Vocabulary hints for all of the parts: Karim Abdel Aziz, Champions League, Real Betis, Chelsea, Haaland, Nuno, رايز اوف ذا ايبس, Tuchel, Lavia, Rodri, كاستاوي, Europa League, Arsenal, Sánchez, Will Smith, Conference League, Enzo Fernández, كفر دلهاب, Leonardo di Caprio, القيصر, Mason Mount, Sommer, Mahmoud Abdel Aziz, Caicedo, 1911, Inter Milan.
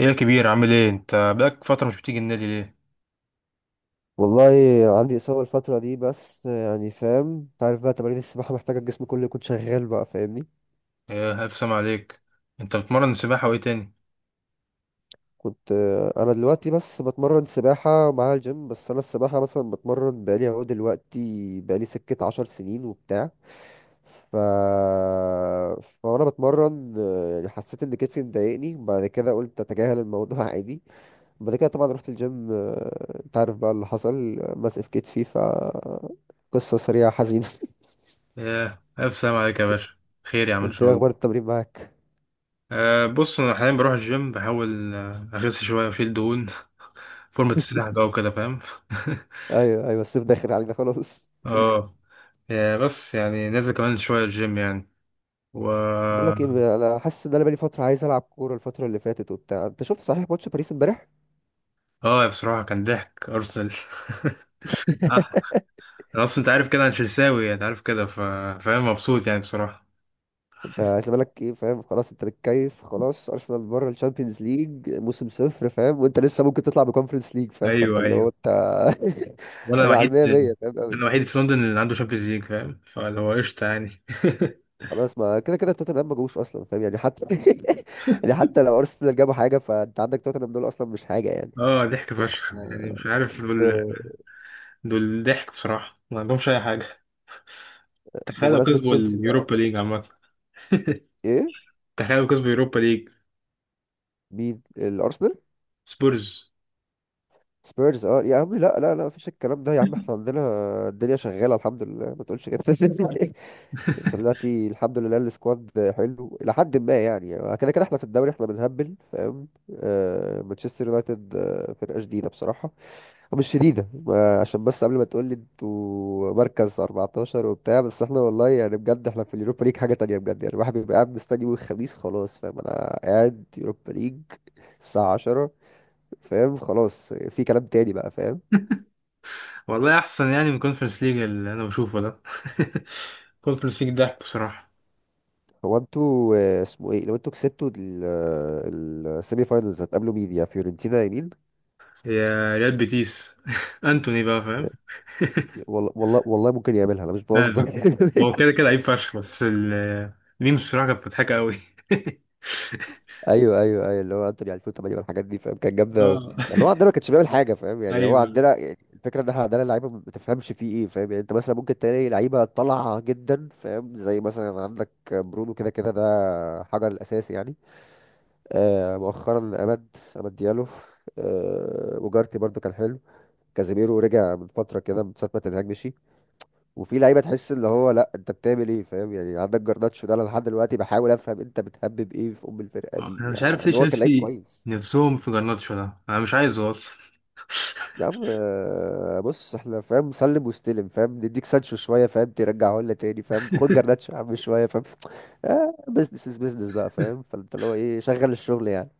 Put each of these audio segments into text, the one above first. ايه يا كبير، عامل ايه؟ انت بقالك فترة مش بتيجي النادي ليه؟ والله عندي إصابة الفترة دي، بس يعني فاهم. انت عارف بقى تمارين السباحة محتاجة الجسم كله يكون شغال بقى، فاهمني. ايه الف سلام عليك. انت بتمرن سباحة وايه تاني؟ كنت أنا دلوقتي بس بتمرن سباحة مع الجيم، بس أنا السباحة مثلا بتمرن بقالي أهو دلوقتي، بقالي سكة عشر سنين وبتاع. ف... فأنا بتمرن، يعني حسيت إن كتفي مضايقني، بعد كده قلت أتجاهل الموضوع عادي. بعد كده طبعا رحت الجيم، انت عارف بقى اللي حصل، ماسك في كتفي، ف قصة سريعة حزينة. ايه الف سلام عليك يا باشا. خير يا عم ان انت شاء ايه الله. اخبار التمرين معاك؟ أه بص، انا حاليا بروح الجيم، بحاول اخس شوية واشيل دهون فورمة السباحة بقى وكده، فاهم. ايوه ايوه، الصيف داخل علينا خلاص. اه. يا بس يعني نازل كمان شوية الجيم يعني، و... بقول لك ايه، انا حاسس ان انا بقالي فتره عايز العب كوره الفتره اللي فاتت وبتاع. انت شفت صحيح ماتش باريس امبارح؟ اه بصراحة كان ضحك ارسنال. آه، انا اصلا انت عارف كده، انا تشيلساوي انت عارف كده، فاهم، مبسوط يعني بصراحة. انت عايز بالك ايه فاهم، خلاص انت متكيف، خلاص ارسنال بره الشامبيونز ليج موسم صفر فاهم، وانت لسه ممكن تطلع بكونفرنس ليج فاهم، فانت ايوه اللي هو ايوه. انت. وانا انا على الوحيد. 100 100 فاهم انا قوي. الوحيد في لندن اللي عنده شامبيونز ليج، فاهم، فاللي هو قشطه يعني. خلاص ما كده كده توتنهام ما جابوش اصلا فاهم يعني حتى. يعني حتى لو ارسنال جابوا حاجه، فانت عندك توتنهام دول اصلا مش حاجه يعني. اه ضحك فشخ، يعني آه، مش عارف دول. ب- دول ضحك بصراحه، ما عندهمش اي حاجه. تخيل لو بمناسبه كسبوا تشيلسي اليوروبا بقى. ليج عامه. ايه؟ تخيل لو كسبوا اليوروبا ليج. مين الارسنال؟ سبورز. سبيرز؟ اه يا عم لا لا لا، مفيش الكلام ده يا عم، احنا عندنا الدنيا شغاله الحمد لله، ما تقولش كده. احنا دلوقتي الحمد لله السكواد حلو الى حد ما يعني، كده كده احنا في الدوري احنا بنهبل فاهم. آه مانشستر يونايتد، فرقه شديده بصراحه. مش شديده، ما عشان بس قبل ما تقول لي انتوا مركز 14 وبتاع، بس احنا والله يعني بجد احنا في اليوروبا ليج حاجه تانية بجد يعني. الواحد بيبقى قاعد مستني يوم الخميس خلاص فاهم، انا قاعد يوروبا ليج الساعه 10 فاهم، خلاص في كلام تاني بقى فاهم. والله احسن يعني من كونفرنس ليج اللي انا بشوفه ده. كونفرنس ليج ضحك بصراحه. هو انتوا، اسمه ايه، لو انتوا كسبتوا السيمي فاينلز هتقابلوا مين، يا فيورنتينا يا مين؟ يا ريال بيتيس. انتوني بقى، فاهم. والله والله والله ممكن يعملها، انا مش لازم. بهزر. هو كده كده لعيب فشخ، بس الميمز بصراحه كانت مضحكه قوي. ايوه ايوه ايوه، اللي هو انتوني 2008 والحاجات دي فاهم، كان جامده أوي. اه. ما اللي هو عندنا ما كانش بيعمل حاجه فاهم يعني. هو ايوه. عندنا يعني الفكره ان احنا عندنا لعيبه ما تفهمش فيه ايه فاهم يعني. انت مثلا ممكن تلاقي لعيبه طالعه جدا فاهم، زي مثلا عندك برونو كده كده ده حجر الاساسي يعني. آه مؤخرا أمد ديالو. آه وجارتي برضو كان حلو. كازيميرو رجع من فترة كده من ساعة ما تنهاج مشي. وفي لعيبة تحس اللي هو لا أنت بتعمل إيه فاهم يعني. عندك جرناتشو ده، أنا لحد دلوقتي بحاول أفهم أنت بتهبب إيه في أم الفرقة دي انا مش يعني، مع عارف إن ليه هو كان لعيب تشيلسي كويس. نفسهم في جرناتشو ده، انا مش عايزه اصلا. يا عم، بص احنا فاهم، سلم واستلم فاهم، نديك سانشو شوية فاهم، ترجعه لنا تاني فاهم، خد جرناتشو يا عم شوية فاهم. بزنس از بزنس بقى فاهم، فانت اللي هو ايه، شغل الشغل يعني.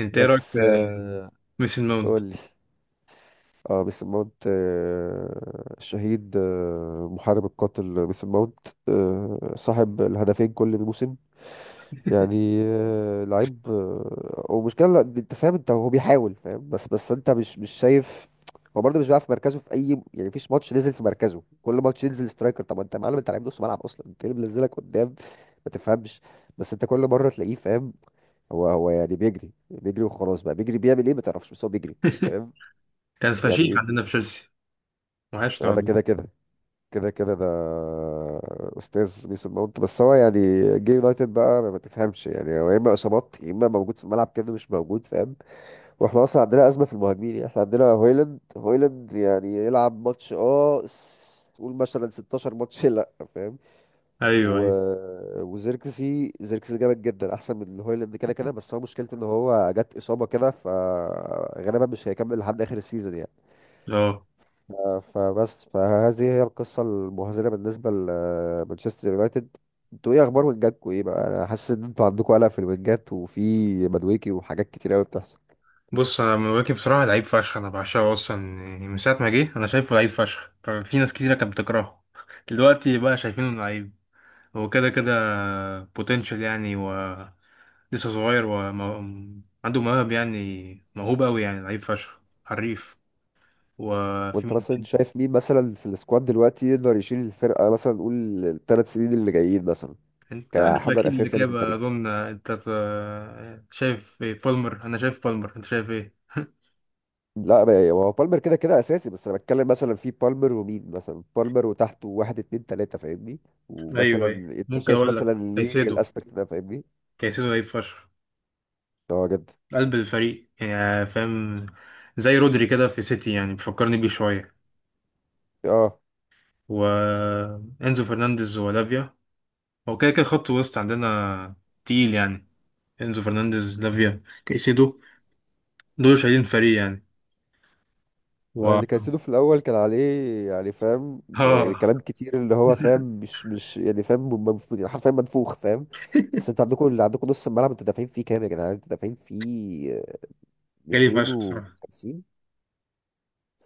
انت ايه رايك في بس آه ميسن قول ماونت؟ لي. اه ميس ماونت، الشهيد، محارب القاتل ميس ماونت، صاحب الهدفين كل موسم يعني، لعيب، ومشكلة لا، انت فاهم، انت هو بيحاول فاهم بس، بس انت مش شايف. هو برضه مش بيلعب في مركزه في اي، يعني مفيش ماتش نزل في مركزه، كل ماتش ينزل سترايكر. طب انت يا معلم انت لعيب نص ملعب اصلا، انت ليه منزلك قدام، ما تفهمش. بس انت كل مره تلاقيه فاهم، هو يعني بيجري بيجري وخلاص بقى، بيجري بيعمل ايه ما تعرفش، بس هو بيجري فاهم. كان فشيخ يعني في، عندنا في تشيلسي. وحشنا اه ده والله. كده كده، كده كده ده استاذ ميسون ماونت، بس هو يعني جه يونايتد بقى، ما تفهمش يعني. هو يا اما اصابات، يا اما موجود في الملعب كده مش موجود فاهم. واحنا اصلا عندنا ازمه في المهاجمين يعني، احنا عندنا هويلاند يعني يلعب ماتش اه قول مثلا 16 ماتش لا فاهم. ايوه و... ايوه. وزيركسي جامد جدا احسن من هويلاند كده كده بس هو مشكلته ان هو جت اصابه كده، فغالبا مش هيكمل لحد اخر السيزون يعني. اه آه، فبس فهذه هي القصة المهزلة بالنسبة لمانشستر يونايتد. انتوا ايه اخبار وينجاتكوا، ايه بقى، انا حاسس ان انتوا عندكوا قلق في الوينجات وفي مدويكي وحاجات كتير قوي بتحصل. بص، انا مواكب بصراحه لعيب فشخ، انا بعشقه اصلا، يعني من ساعه ما جه انا شايفه لعيب فشخ. ففي ناس كتيره كانت بتكرهه، دلوقتي بقى شايفينه لعيب. هو كده كده بوتنشال يعني، و... لسه صغير وعنده موهب، يعني موهوب قوي، يعني لعيب فشخ، حريف. وفي وانت مين مثلا تاني؟ شايف مين مثلا في السكواد دلوقتي يقدر يشيل الفرقة، مثلا نقول الثلاث سنين اللي جايين مثلا، انت عارف كحجر اكيد اساسي يعني في الإجابة. الفريق. اظن انت شايف ايه؟ بالمر. انا شايف بالمر، انت شايف ايه؟ لا ما- هو بالمر كده كده اساسي، بس انا بتكلم مثلا في بالمر ومين، مثلا بالمر وتحته واحد اتنين تلاتة فاهمني. ومثلا ايوه ايوه. انت ممكن شايف اقول لك مثلا ليه كايسيدو. للاسبكت ده فاهمني. كايسيدو لعيب فشخ، اه جدا. قلب الفريق يعني، فاهم. زي رودري كده في سيتي، يعني بيفكرني بيه شوية. اه وانزو فرنانديز ولافيا. هو كده كده خط وسط عندنا تقيل يعني. انزو فرنانديز، لافيا، كايسيدو، دول شايلين فريق يعني. و... اللي كايسيدو في الاول كان عليه يعني فاهم، اه. يعني كلام كتير اللي هو فاهم مش يعني فاهم، يعني حرفيا منفوخ فاهم. بس انتوا عندكم اللي عندكم نص الملعب، انتوا دافعين فيه كام يا جدعان، انتوا دافعين فيه جالي فشخ بصراحة. 250؟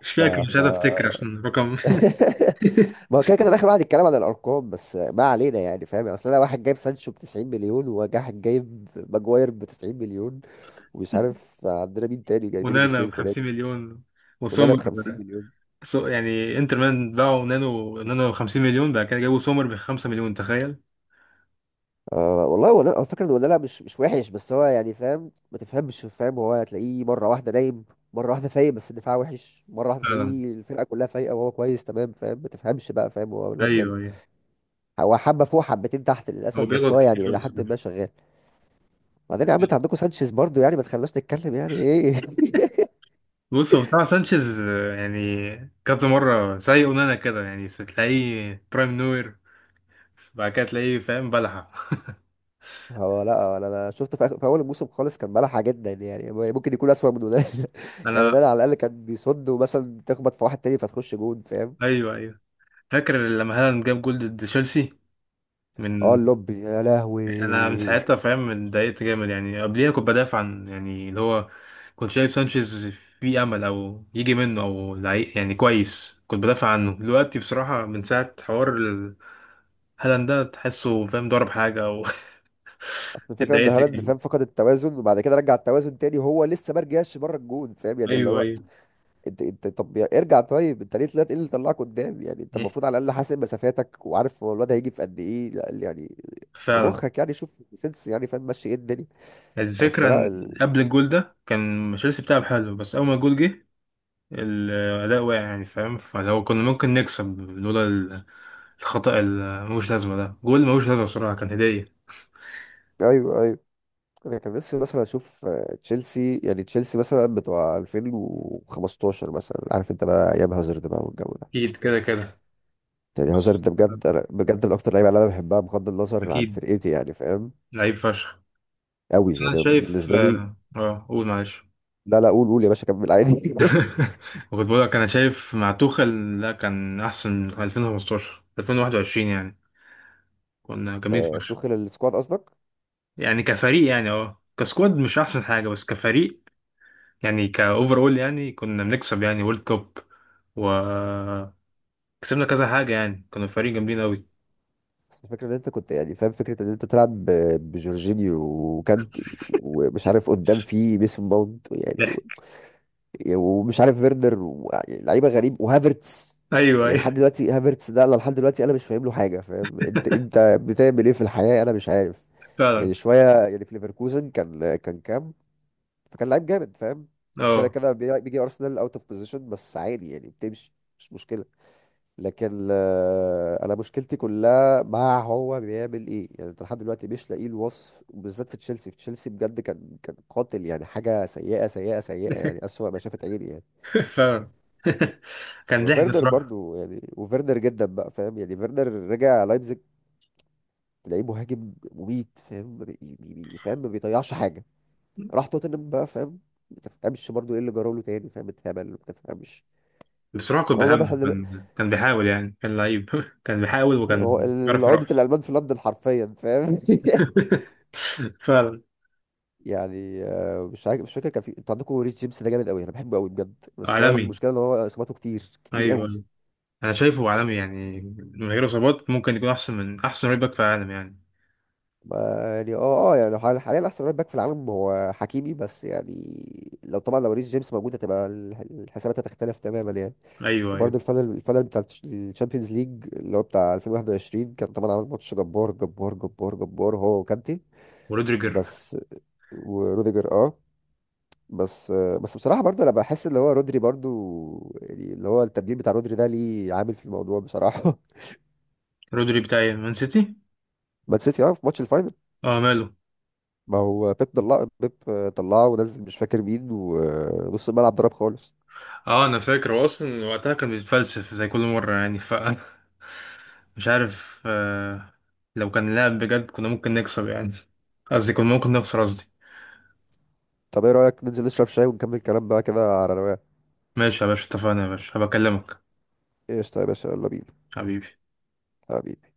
مش ف فاكر، مش ف عايز افتكر عشان رقم. ما هو كده كده داخل واحد يتكلم عن الارقام، بس ما علينا يعني فاهم، يعني اصل انا واحد جايب سانشو ب 90 مليون، وواحد جايب ماجواير ب 90 مليون، ومش عارف عندنا مين تاني جايبينه ونانا بالشيء ب 50 الفلاني، مليون، ولا انا ب وسومر. 50 مليون. سو يعني انتر ميلان باعوا نانو ب 50 مليون، بعد كده جابوا سومر ب 5 مليون، تخيل. والله هو على فكرة هو ده لا مش وحش، بس هو يعني فاهم ما تفهمش فاهم. هو هتلاقيه مرة واحدة نايم، مرة واحدة فايق بس الدفاع وحش، مرة واحدة فعلا. تلاقيه الفرقة كلها فايقة وهو كويس تمام فاهم، ما تفهمش بقى فاهم هو الواد ماله. ايوه ايوه. هو حبة فوق حبتين تحت هو للأسف، بس بيغلط هو كتير يعني قوي إلى حد بصراحة. ما شغال. بعدين يا عم، انت عندكم سانشيز برضو يعني، ما تخلناش نتكلم يعني ايه. بص هو بصراحة سانشيز يعني كذا مرة زي اونانا كده، يعني تلاقيه برايم نوير، بعد كده تلاقيه فاهم بلحة. هو لا انا، آخر في اول الموسم خالص كان ملحة جدا يعني، ممكن يكون اسوأ من ولاد يعني، انا... ده على الاقل كان بيصد ومثلا تخبط في واحد تاني فتخش جون فاهم. ايوه ايوه. فاكر لما هالاند جاب جول ضد تشيلسي، اه من... اللوبي يا لهوي، انا من ساعتها، فاهم، اتضايقت جامد. يعني قبليها كنت بدافع عن يعني اللي هو، كنت شايف سانشيز في امل، او يجي منه او يعني كويس، كنت بدافع عنه. دلوقتي بصراحة من ساعة حوار هالاند ده تحسه، فاهم، ضرب حاجة او... اصل الفكره ان اتضايقت هالاند جامد. فاهم فقد التوازن، وبعد كده رجع التوازن تاني، وهو لسه ما رجعش بره الجون فاهم يعني اللي ايوه هو. ايوه. انت طب ارجع، طيب انت ليه طلعت، ايه اللي طلعك قدام يعني؟ انت المفروض على الاقل حاسب مسافاتك وعارف هو الواد هيجي في قد ايه، لا يعني فعلا. بمخك يعني، شوف سنس يعني فاهم، ماشي ايه الدنيا. بس الفكرة لا ان ال... قبل الجول ده كان تشيلسي بتلعب حلو، بس اول ما الجول جه الأداء واقع يعني، فاهم. فلو كنا ممكن نكسب لولا الخطأ اللي ملوش لازمة ده، جول ملوش لازمة بصراحة، كان هدية. ايوه ايوه، انا كان نفسي مثلا اشوف، تشيلسي يعني تشيلسي مثلا بتوع 2015 مثلا، عارف انت بقى ايام هازارد بقى والجو ده أكيد كده كده. يعني. هازارد بس ده بجد انا بجد من اكتر اللعيبه اللي انا بحبها بغض النظر عن أكيد فرقتي يعني فاهم، لعيب فشخ. قوي بس أنا يعني شايف بالنسبه لي. قول معلش. لا لا قول قول يا باشا، كمل عادي. واخد بالك، أنا شايف مع توخل لا كان أحسن 2015، 2021 يعني كنا جامدين فشخ. توخيل السكواد قصدك. يعني كفريق، يعني أه كسكواد مش أحسن حاجة، بس كفريق يعني كأوفر أول يعني كنا بنكسب يعني وورلد كوب، و... كسبنا كذا حاجة. يعني كانوا الفريق جامدين أوي. بس الفكره ان انت كنت يعني فاهم، فكره ان انت تلعب بجورجينيو وكانتي ومش عارف قدام في ميسون ماونت يعني، و ضحك. ومش عارف فيردر و، يعني لعيبه غريب وهافرتس، أيوه يعني لحد أيوه. دلوقتي هافرتس ده انا لحد دلوقتي انا مش فاهم له حاجه فاهم، انت انت بتعمل ايه في الحياه انا مش عارف فعلا. يعني. شويه يعني في ليفركوزن كان كام، فكان لعيب جامد فاهم، كده أه. كده بيجي ارسنال اوت اوف بوزيشن بس عادي يعني بتمشي مش مشكله. لكن انا مشكلتي كلها مع هو بيعمل ايه يعني، انت لحد دلوقتي مش لاقي الوصف، وبالذات في تشيلسي، في تشيلسي بجد كان قاتل يعني حاجه سيئه سيئه سيئه يعني، اسوأ ما شافت عيني يعني. فعلا. كان ضحك وفيرنر بصراحة. برضو يعني، وفيرنر جدا بقى فاهم يعني. فيرنر رجع لايبزيج تلاقيه مهاجم مميت فاهم، ما بي- بي- بي- فاهم ما بيضيعش حاجه. راح توتنهام بقى فاهم، ما تفهمش برضو ايه اللي جراله تاني فاهم، اتهبل ما تفهمش. بصراحة كنت هو واضح بحبه، كان كان بيحاول يعني، كان لعيب. كان بيحاول، هو وكان بيعرف عقدة يرقص. الألمان في لندن حرفيا فاهم. فعلا. يعني مش عارف مش فاكر كان في، انتوا عندكم ريس جيمس ده جامد قوي، انا بحبه قوي بجد، بس هو عالمي. المشكله ان هو اصاباته كتير كتير أيوه قوي. أيوه. أنا شايفه عالمي يعني، من غير إصابات ممكن يكون أحسن من أحسن رايت باك في العالم يعني. ما يعني اه اه يعني حاليا احسن رايت باك في العالم هو حكيمي، بس يعني لو طبعا لو ريس جيمس موجود هتبقى الحسابات هتختلف تماما يعني. أيوه وبرده أيوه. الفاينل بتاع الشامبيونز ليج اللي هو بتاع 2021، كان طبعا عامل ماتش جبار جبار جبار جبار هو وكانتي. ورودريجر. بس وروديجر اه. بس بصراحة برضه أنا بحس اللي هو رودري برضه، يعني اللي هو التبديل بتاع رودري ده ليه عامل في الموضوع بصراحة. رودري بتاع مان سيتي. مان سيتي اه في ماتش الفاينل. اه ماله. ما هو بيب طلع، بيب طلعه ونزل مش فاكر مين، ونص الملعب ضرب خالص. اه انا فاكر هو اصلا وقتها كان بيتفلسف زي كل مره يعني، ف... مش عارف لو كان لعب بجد كنا ممكن نكسب يعني، قصدي كنا ممكن نخسر قصدي. طب ايه رأيك ننزل نشرب شاي ونكمل كلام بقى كده على رواقة؟ ماشي يا باشا، اتفقنا يا باشا، هبكلمك. قشطة يا باشا، يلا بينا. حبيبي. حبيبي.